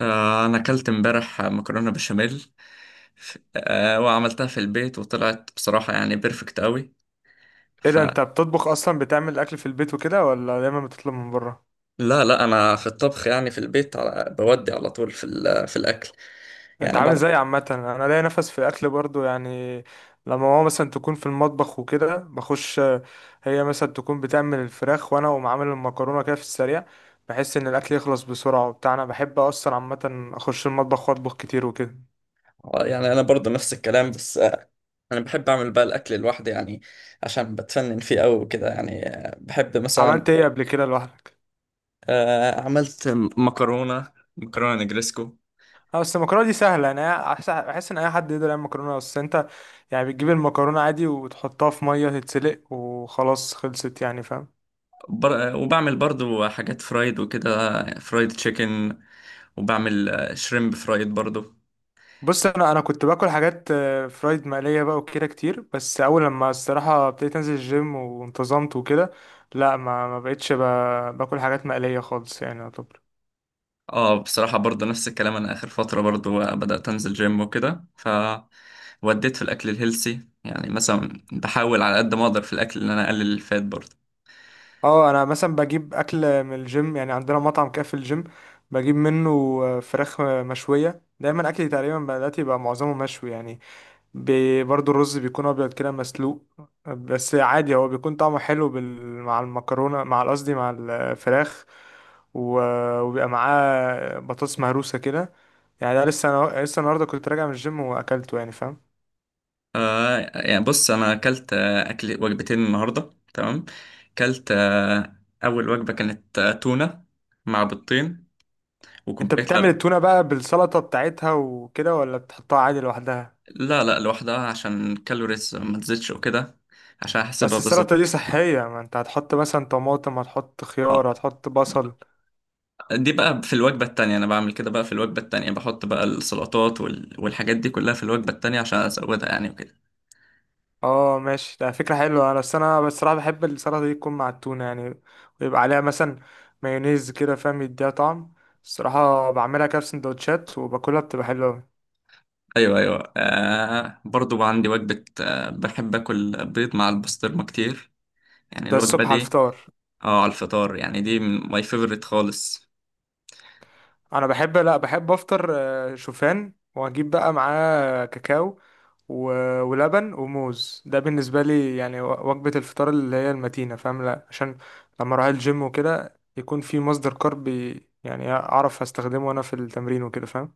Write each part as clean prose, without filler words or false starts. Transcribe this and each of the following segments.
أنا أكلت امبارح مكرونة بشاميل. وعملتها في البيت وطلعت بصراحة يعني بيرفكت أوي. ايه ده؟ فلا انت بتطبخ اصلا، بتعمل اكل في البيت وكده ولا دايما بتطلب من بره؟ لا لا، أنا في الطبخ يعني في البيت على بودي على طول في الأكل، انت يعني عامل بعرف. زي عامه، انا ليا نفس في اكل برضو يعني. لما ماما مثلا تكون في المطبخ وكده بخش، هي مثلا تكون بتعمل الفراخ وانا اقوم عامل المكرونه كده في السريع. بحس ان الاكل يخلص بسرعه وبتاع، انا بحب اصلا عامه اخش المطبخ واطبخ كتير وكده. يعني أنا برضو نفس الكلام، بس أنا بحب أعمل بقى الأكل لوحدي يعني، عشان بتفنن فيه أوي وكده. يعني بحب مثلا. عملت ايه قبل كده لوحدك؟ عملت مكرونة مكرونة نجريسكو. اه بس المكرونه دي سهله، انا بحس ان اي حد يقدر يعمل مكرونه. بس انت يعني بتجيب المكرونه عادي وتحطها في ميه تتسلق وخلاص خلصت، يعني فاهم. وبعمل برضو حاجات فرايد وكده، فرايد تشيكن، وبعمل شريمب فرايد برضو. بص، انا كنت باكل حاجات فرايد، مقليه بقى وكده كتير، بس اول لما الصراحه ابتديت انزل الجيم وانتظمت وكده، لا ما بقتش باكل حاجات مقليه خالص، يعني يعتبر. اه بصراحة برضو نفس الكلام، انا اخر فترة برضو بدأت انزل جيم وكده، ف وديت في الاكل الهيلسي. يعني مثلا بحاول على قد ما اقدر في الاكل ان انا اقلل الفات برضو. اه انا مثلا بجيب اكل من الجيم، يعني عندنا مطعم كده في الجيم بجيب منه فراخ مشويه. دايما اكلي تقريبا دلوقتي بقى معظمه مشوي يعني. برضو الرز بيكون ابيض كده مسلوق. بس عادي هو بيكون طعمه حلو مع المكرونه، مع قصدي مع الفراخ، و... وبيبقى معاه بطاطس مهروسه كده. يعني ده لسه النهارده كنت راجع من الجيم واكلته، يعني فاهم. آه يعني بص، انا اكلت اكل وجبتين النهارده، تمام. اكلت اول وجبة كانت تونة مع بيضتين انت وكوباية بتعمل لبن. التونه بقى بالسلطه بتاعتها وكده، ولا بتحطها عادي لوحدها؟ لا لا لوحدها، عشان الكالوريز ما تزيدش وكده، عشان احسبها بس بالظبط. السلطه دي صحيه، ما انت هتحط مثلا طماطم، هتحط خيار، آه، هتحط بصل. دي بقى في الوجبة التانية. أنا بعمل كده بقى في الوجبة التانية، بحط بقى السلطات والحاجات دي كلها في الوجبة التانية عشان أزودها يعني وكده. اه ماشي، ده فكرة حلوة. انا بس انا بصراحة بحب السلطة دي تكون مع التونة يعني، ويبقى عليها مثلا مايونيز كده فاهم، يديها طعم. الصراحة بعملها كده في سندوتشات وباكلها، بتبقى حلوة أوي. أيوه أيوه، برضو عندي وجبة بحب أكل بيض مع البسطرمة كتير، يعني ده الوجبة الصبح على دي. الفطار. اه على الفطار، يعني دي ماي فيفورت خالص. انا بحب، لا بحب افطر شوفان، واجيب بقى معاه كاكاو و... ولبن وموز. ده بالنسبة لي يعني وجبة الفطار اللي هي المتينة فاهم، لا عشان لما اروح الجيم وكده يكون في مصدر كارب، يعني اعرف استخدمه وانا في التمرين وكده فاهم.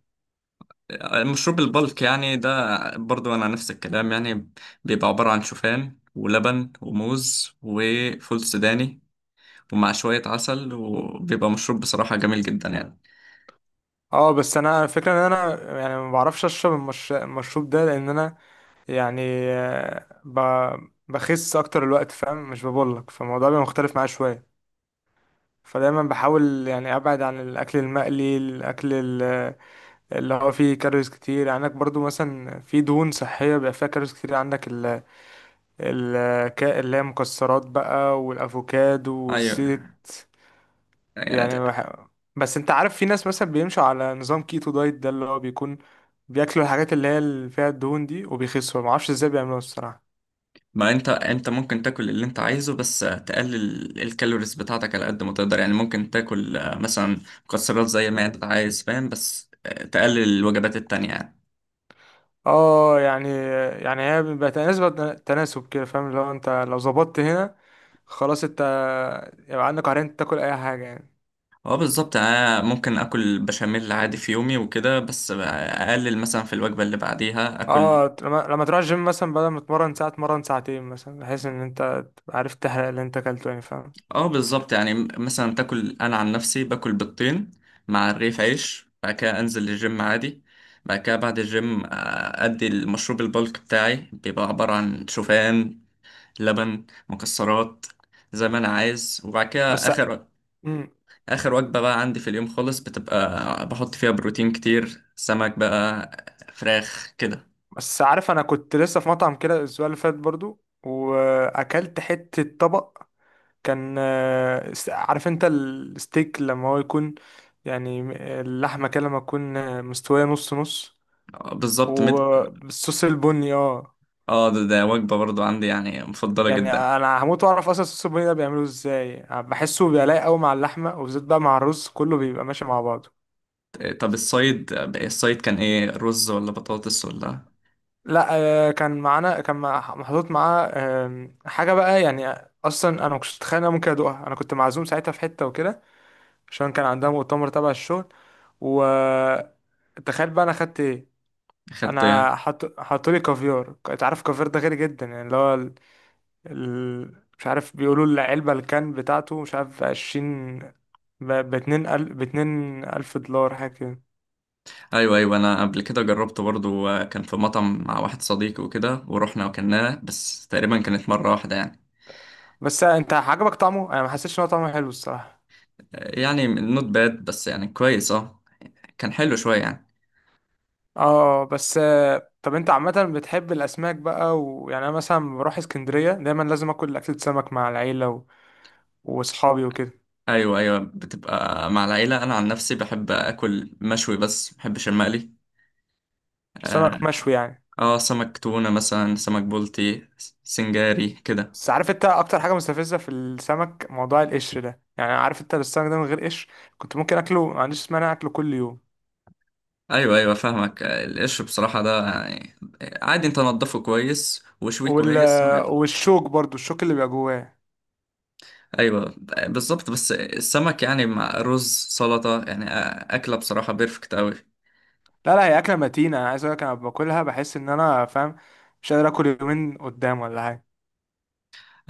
مشروب البلك يعني، ده برضو أنا نفس الكلام يعني. بيبقى عبارة عن شوفان ولبن وموز وفول سوداني ومع شوية عسل، وبيبقى مشروب بصراحة جميل جدا يعني. اه بس انا الفكره ان انا يعني ما بعرفش اشرب المشروب ده، لان انا يعني آه، ب... بخس اكتر الوقت فاهم، مش ببولك، فالموضوع بيبقى مختلف معايا شويه. فدايما بحاول يعني ابعد عن الاكل المقلي، ال- اللي هو فيه كالوريز كتير. يعني عندك برضو مثلا في دهون صحيه بيبقى فيها كالوريز كتير، عندك ال... اللي هي مكسرات بقى والافوكادو أيوه. والزيت. آه، يعني بس انت عارف في ناس مثلا بيمشوا على نظام كيتو دايت، ده اللي هو بيكون بياكلوا الحاجات اللي هي اللي فيها الدهون دي وبيخسوا، ما اعرفش ازاي بيعملوها الصراحه. ما انت ممكن تاكل اللي انت عايزه، بس تقلل الكالوريز بتاعتك على قد ما تقدر يعني. ممكن تاكل مثلا مكسرات زي ما انت عايز، فاهم؟ بس تقلل الوجبات التانية يعني. اه يعني، هي بيبقى تناسب كده فاهم، اللي هو انت لو ظبطت هنا خلاص، انت يبقى عندك عرين تاكل اي حاجه يعني. اه بالظبط. ممكن اكل بشاميل عادي في يومي وكده، بس اقلل مثلا في الوجبة اللي بعديها اكل. اه، لما تروح الجيم مثلا، بدل ما تتمرن ساعه تمرن ساعتين مثلا، بحيث ان انت تبقى عارف تحرق اللي انت اكلته، يعني فاهم. اه بالظبط يعني، مثلا تاكل. انا عن نفسي باكل بيضتين مع رغيف عيش، بعد كده انزل الجيم عادي، بعد كده بعد الجيم ادي المشروب البلك بتاعي، بيبقى عبارة عن شوفان، لبن، مكسرات زي ما انا عايز. وبعد كده بس اخر مم. اخر وجبة بقى عندي في اليوم خالص، بتبقى بحط فيها بروتين كتير، سمك بقى، فراخ كده. بس عارف، انا كنت لسه في مطعم كده الاسبوع اللي فات برضو، واكلت حتة طبق كان عارف انت الستيك لما هو يكون، يعني اللحمة كده لما تكون مستوية نص نص، بالظبط. وبالصوص البني، اه. اه ده وجبة برضو عندي يعني مفضلة يعني جدا. انا هموت واعرف اصلا الصوص البني ده بيعمله ازاي، بحسه بيبقى لايق قوي مع اللحمة، وبالذات بقى مع الرز، كله بيبقى ماشي مع بعضه. طب الصيد كان ايه، رز ولا بطاطس ولا؟ لا، كان معانا، محطوط معاه حاجة بقى يعني. أصلا أنا ما كنتش أتخيل إن أنا ممكن أدوقها، أنا كنت معزوم ساعتها في حتة وكده، عشان كان عندها مؤتمر تبع الشغل. و تخيل بقى أنا خدت إيه؟ خدت إيه؟ أنا حطولي كافيار. أنت عارف الكافيار ده غالي جدا يعني، اللي هو مش عارف، بيقولوا العلبة الكان بتاعته مش عارف 20، 2000 دولار، حاجة كده. ايوه ايوه، انا قبل كده جربت برضو. كان في مطعم مع واحد صديقي وكده، ورحنا وكلناه، بس تقريبا كانت مرة واحدة يعني. بس أنت عجبك طعمه؟ أنا ما حسيتش إن هو طعمه حلو الصراحة. يعني نوت باد، بس يعني كويس اه، كان حلو شوية يعني. اه بس، طب انت عامة بتحب الأسماك بقى؟ ويعني أنا مثلا لما بروح اسكندرية دايما لازم آكل أكلة سمك مع العيلة وأصحابي وكده. أيوة أيوة، بتبقى مع العيلة. أنا عن نفسي بحب أكل مشوي، بس بحبش المقلي. آه, سمك مشوي يعني. سمك تونة مثلا، سمك بولتي، سنجاري كده. بس عارف انت أكتر حاجة مستفزة في السمك، موضوع القشر ده، يعني عارف انت، السمك ده من غير قشر كنت ممكن أكله، ما عنديش مانع أكله كل يوم. أيوة أيوة فاهمك. القش بصراحة ده يعني عادي، أنت نضفه كويس وشويه وال... كويس والشوك برضو، الشوك اللي بيبقى جواه. أيوة بالظبط. بس السمك يعني مع رز سلطة يعني أكلة بصراحة بيرفكت أوي. لا لا، هي أكلة متينة، أنا عايز أقولك أنا باكلها بحس إن أنا فاهم، مش قادر آكل يومين قدام ولا حاجة.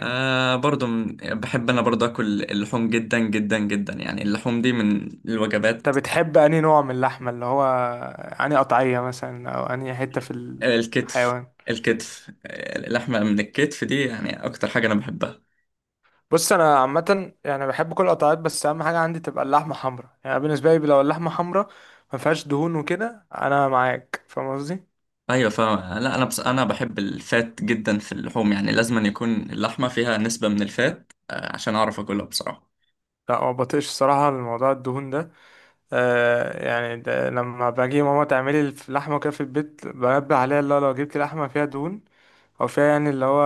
برضو بحب انا برضو اكل اللحوم جدا جدا جدا، يعني اللحوم دي من انت الوجبات. بتحب انهي نوع من اللحمه؟ اللي هو انهي قطعيه مثلا، او انهي حته في الكتف. الحيوان؟ الكتف، اللحمة من الكتف دي يعني أكتر حاجة أنا بحبها. بص انا عامه يعني بحب كل القطعات، بس اهم حاجه عندي تبقى اللحمه حمراء. يعني بالنسبه لي لو اللحمه حمراء ما فيهاش دهون وكده، انا معاك فاهم قصدي. أيوة فاهم. لا أنا، بس أنا بحب الفات جدا في اللحوم، يعني لازم أن يكون اللحمة فيها نسبة من الفات عشان أعرف أكلها بصراحة. لا ما بطيقش الصراحه الموضوع الدهون ده، يعني ده لما باجي ماما تعملي اللحمه كده في البيت بنبه عليها، اللي هو لو جبت لحمه فيها دهون او فيها يعني اللي هو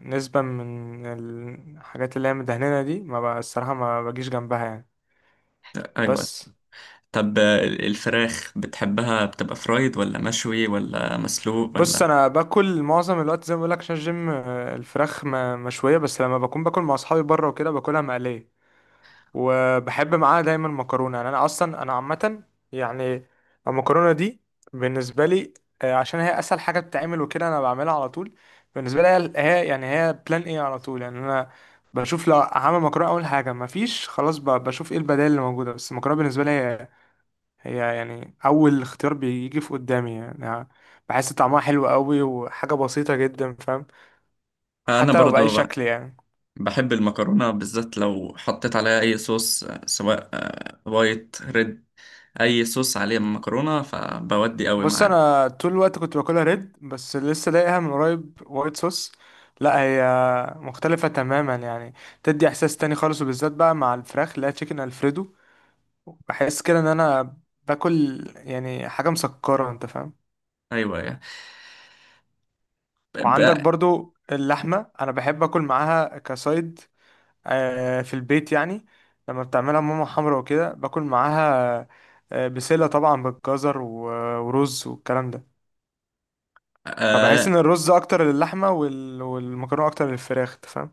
نسبة من الحاجات اللي هي مدهننة دي، ما بقى الصراحة ما بجيش جنبها يعني. أيوة. بس. طب الفراخ بتحبها بتبقى فرايد ولا مشوي ولا مسلوق بص ولا؟ انا باكل معظم الوقت زي ما بقول لك عشان الجيم، الفراخ مشويه، بس لما بكون باكل مع اصحابي بره وكده باكلها مقليه، وبحب معاها دايما مكرونه. يعني انا اصلا، عامه يعني المكرونه دي بالنسبه لي عشان هي اسهل حاجه بتتعمل وكده، انا بعملها على طول. بالنسبه لي يعني هي بلان ايه على طول، يعني انا بشوف لو هعمل مكرونه اول حاجه، مفيش خلاص، بشوف ايه البدائل اللي موجوده. بس المكرونه بالنسبه لي هي يعني اول اختيار بيجي في قدامي. يعني بحس طعمها حلو قوي وحاجه بسيطه جدا فاهم، أنا حتى لو باي برضو شكل يعني. بحب المكرونة، بالذات لو حطيت عليها أي صوص سواء وايت، ريد، أي صوص عليه مكرونة فبودي قوي بص معاه. انا طول الوقت كنت باكلها ريد، بس لسه لاقيها من قريب وايت صوص. لا، هي مختلفه تماما يعني، تدي احساس تاني خالص، وبالذات بقى مع الفراخ، اللي هي تشيكن الفريدو، بحس كده ان انا باكل يعني حاجه مسكره انت فاهم. أيوة. وعندك برضو اللحمه، انا بحب اكل معاها كسايد في البيت يعني، لما بتعملها ماما حمرا وكده باكل معاها بسلة طبعا بالجزر ورز والكلام ده. فبحس لا. ان الرز اكتر للحمة والمكرونة اكتر للفراخ أنت فاهم.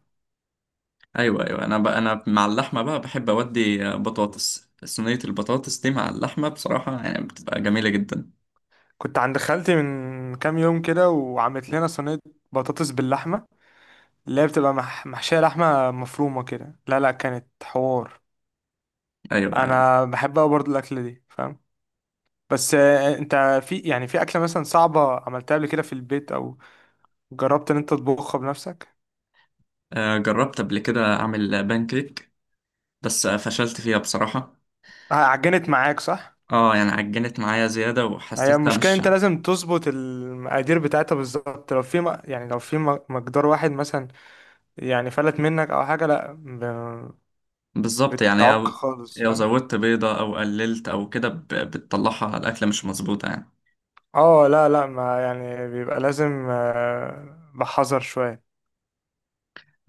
ايوه ايوه، انا مع اللحمه بقى بحب اودي بطاطس صينيه. البطاطس دي مع اللحمه بصراحه يعني بتبقى جميله جدا. كنت عند خالتي من كام يوم كده، وعملت لنا صينية بطاطس باللحمة، اللي هي بتبقى محشية لحمة مفرومة كده، لا لا كانت حوار. ايوه. انا بحب أوي برضه الاكلة دي فاهم. بس انت في يعني في اكلة مثلا صعبة عملتها قبل كده في البيت، او جربت ان انت تطبخها بنفسك؟ جربت قبل كده اعمل بانكيك، بس فشلت فيها بصراحه. عجنت معاك صح. اه يعني عجنت معايا زياده هي وحسيتها المشكله مش انت لازم تظبط المقادير بتاعتها بالظبط، لو في يعني لو في مقدار واحد مثلا يعني فلت منك او حاجه، لا بالظبط يعني. بتعك لو خالص لو فاهم. زودت بيضه او قللت او كده بتطلعها على الاكله مش مظبوطه يعني. اه لا لا، ما يعني بيبقى لازم بحذر شويه.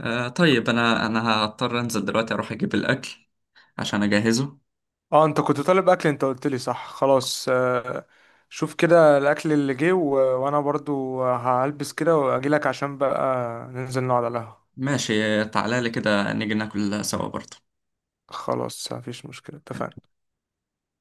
طيب انا هضطر انزل دلوقتي اروح اجيب الاكل عشان اجهزه. اه انت كنت طالب اكل، انت قلت لي صح، خلاص شوف كده الاكل اللي جه، وانا برضو هلبس كده واجي لك، عشان بقى ننزل نقعد على القهوه. ماشي تعالى لي كده، نيجي ناكل سوا برضه. خلاص مفيش مشكله، تمام. اتفقنا.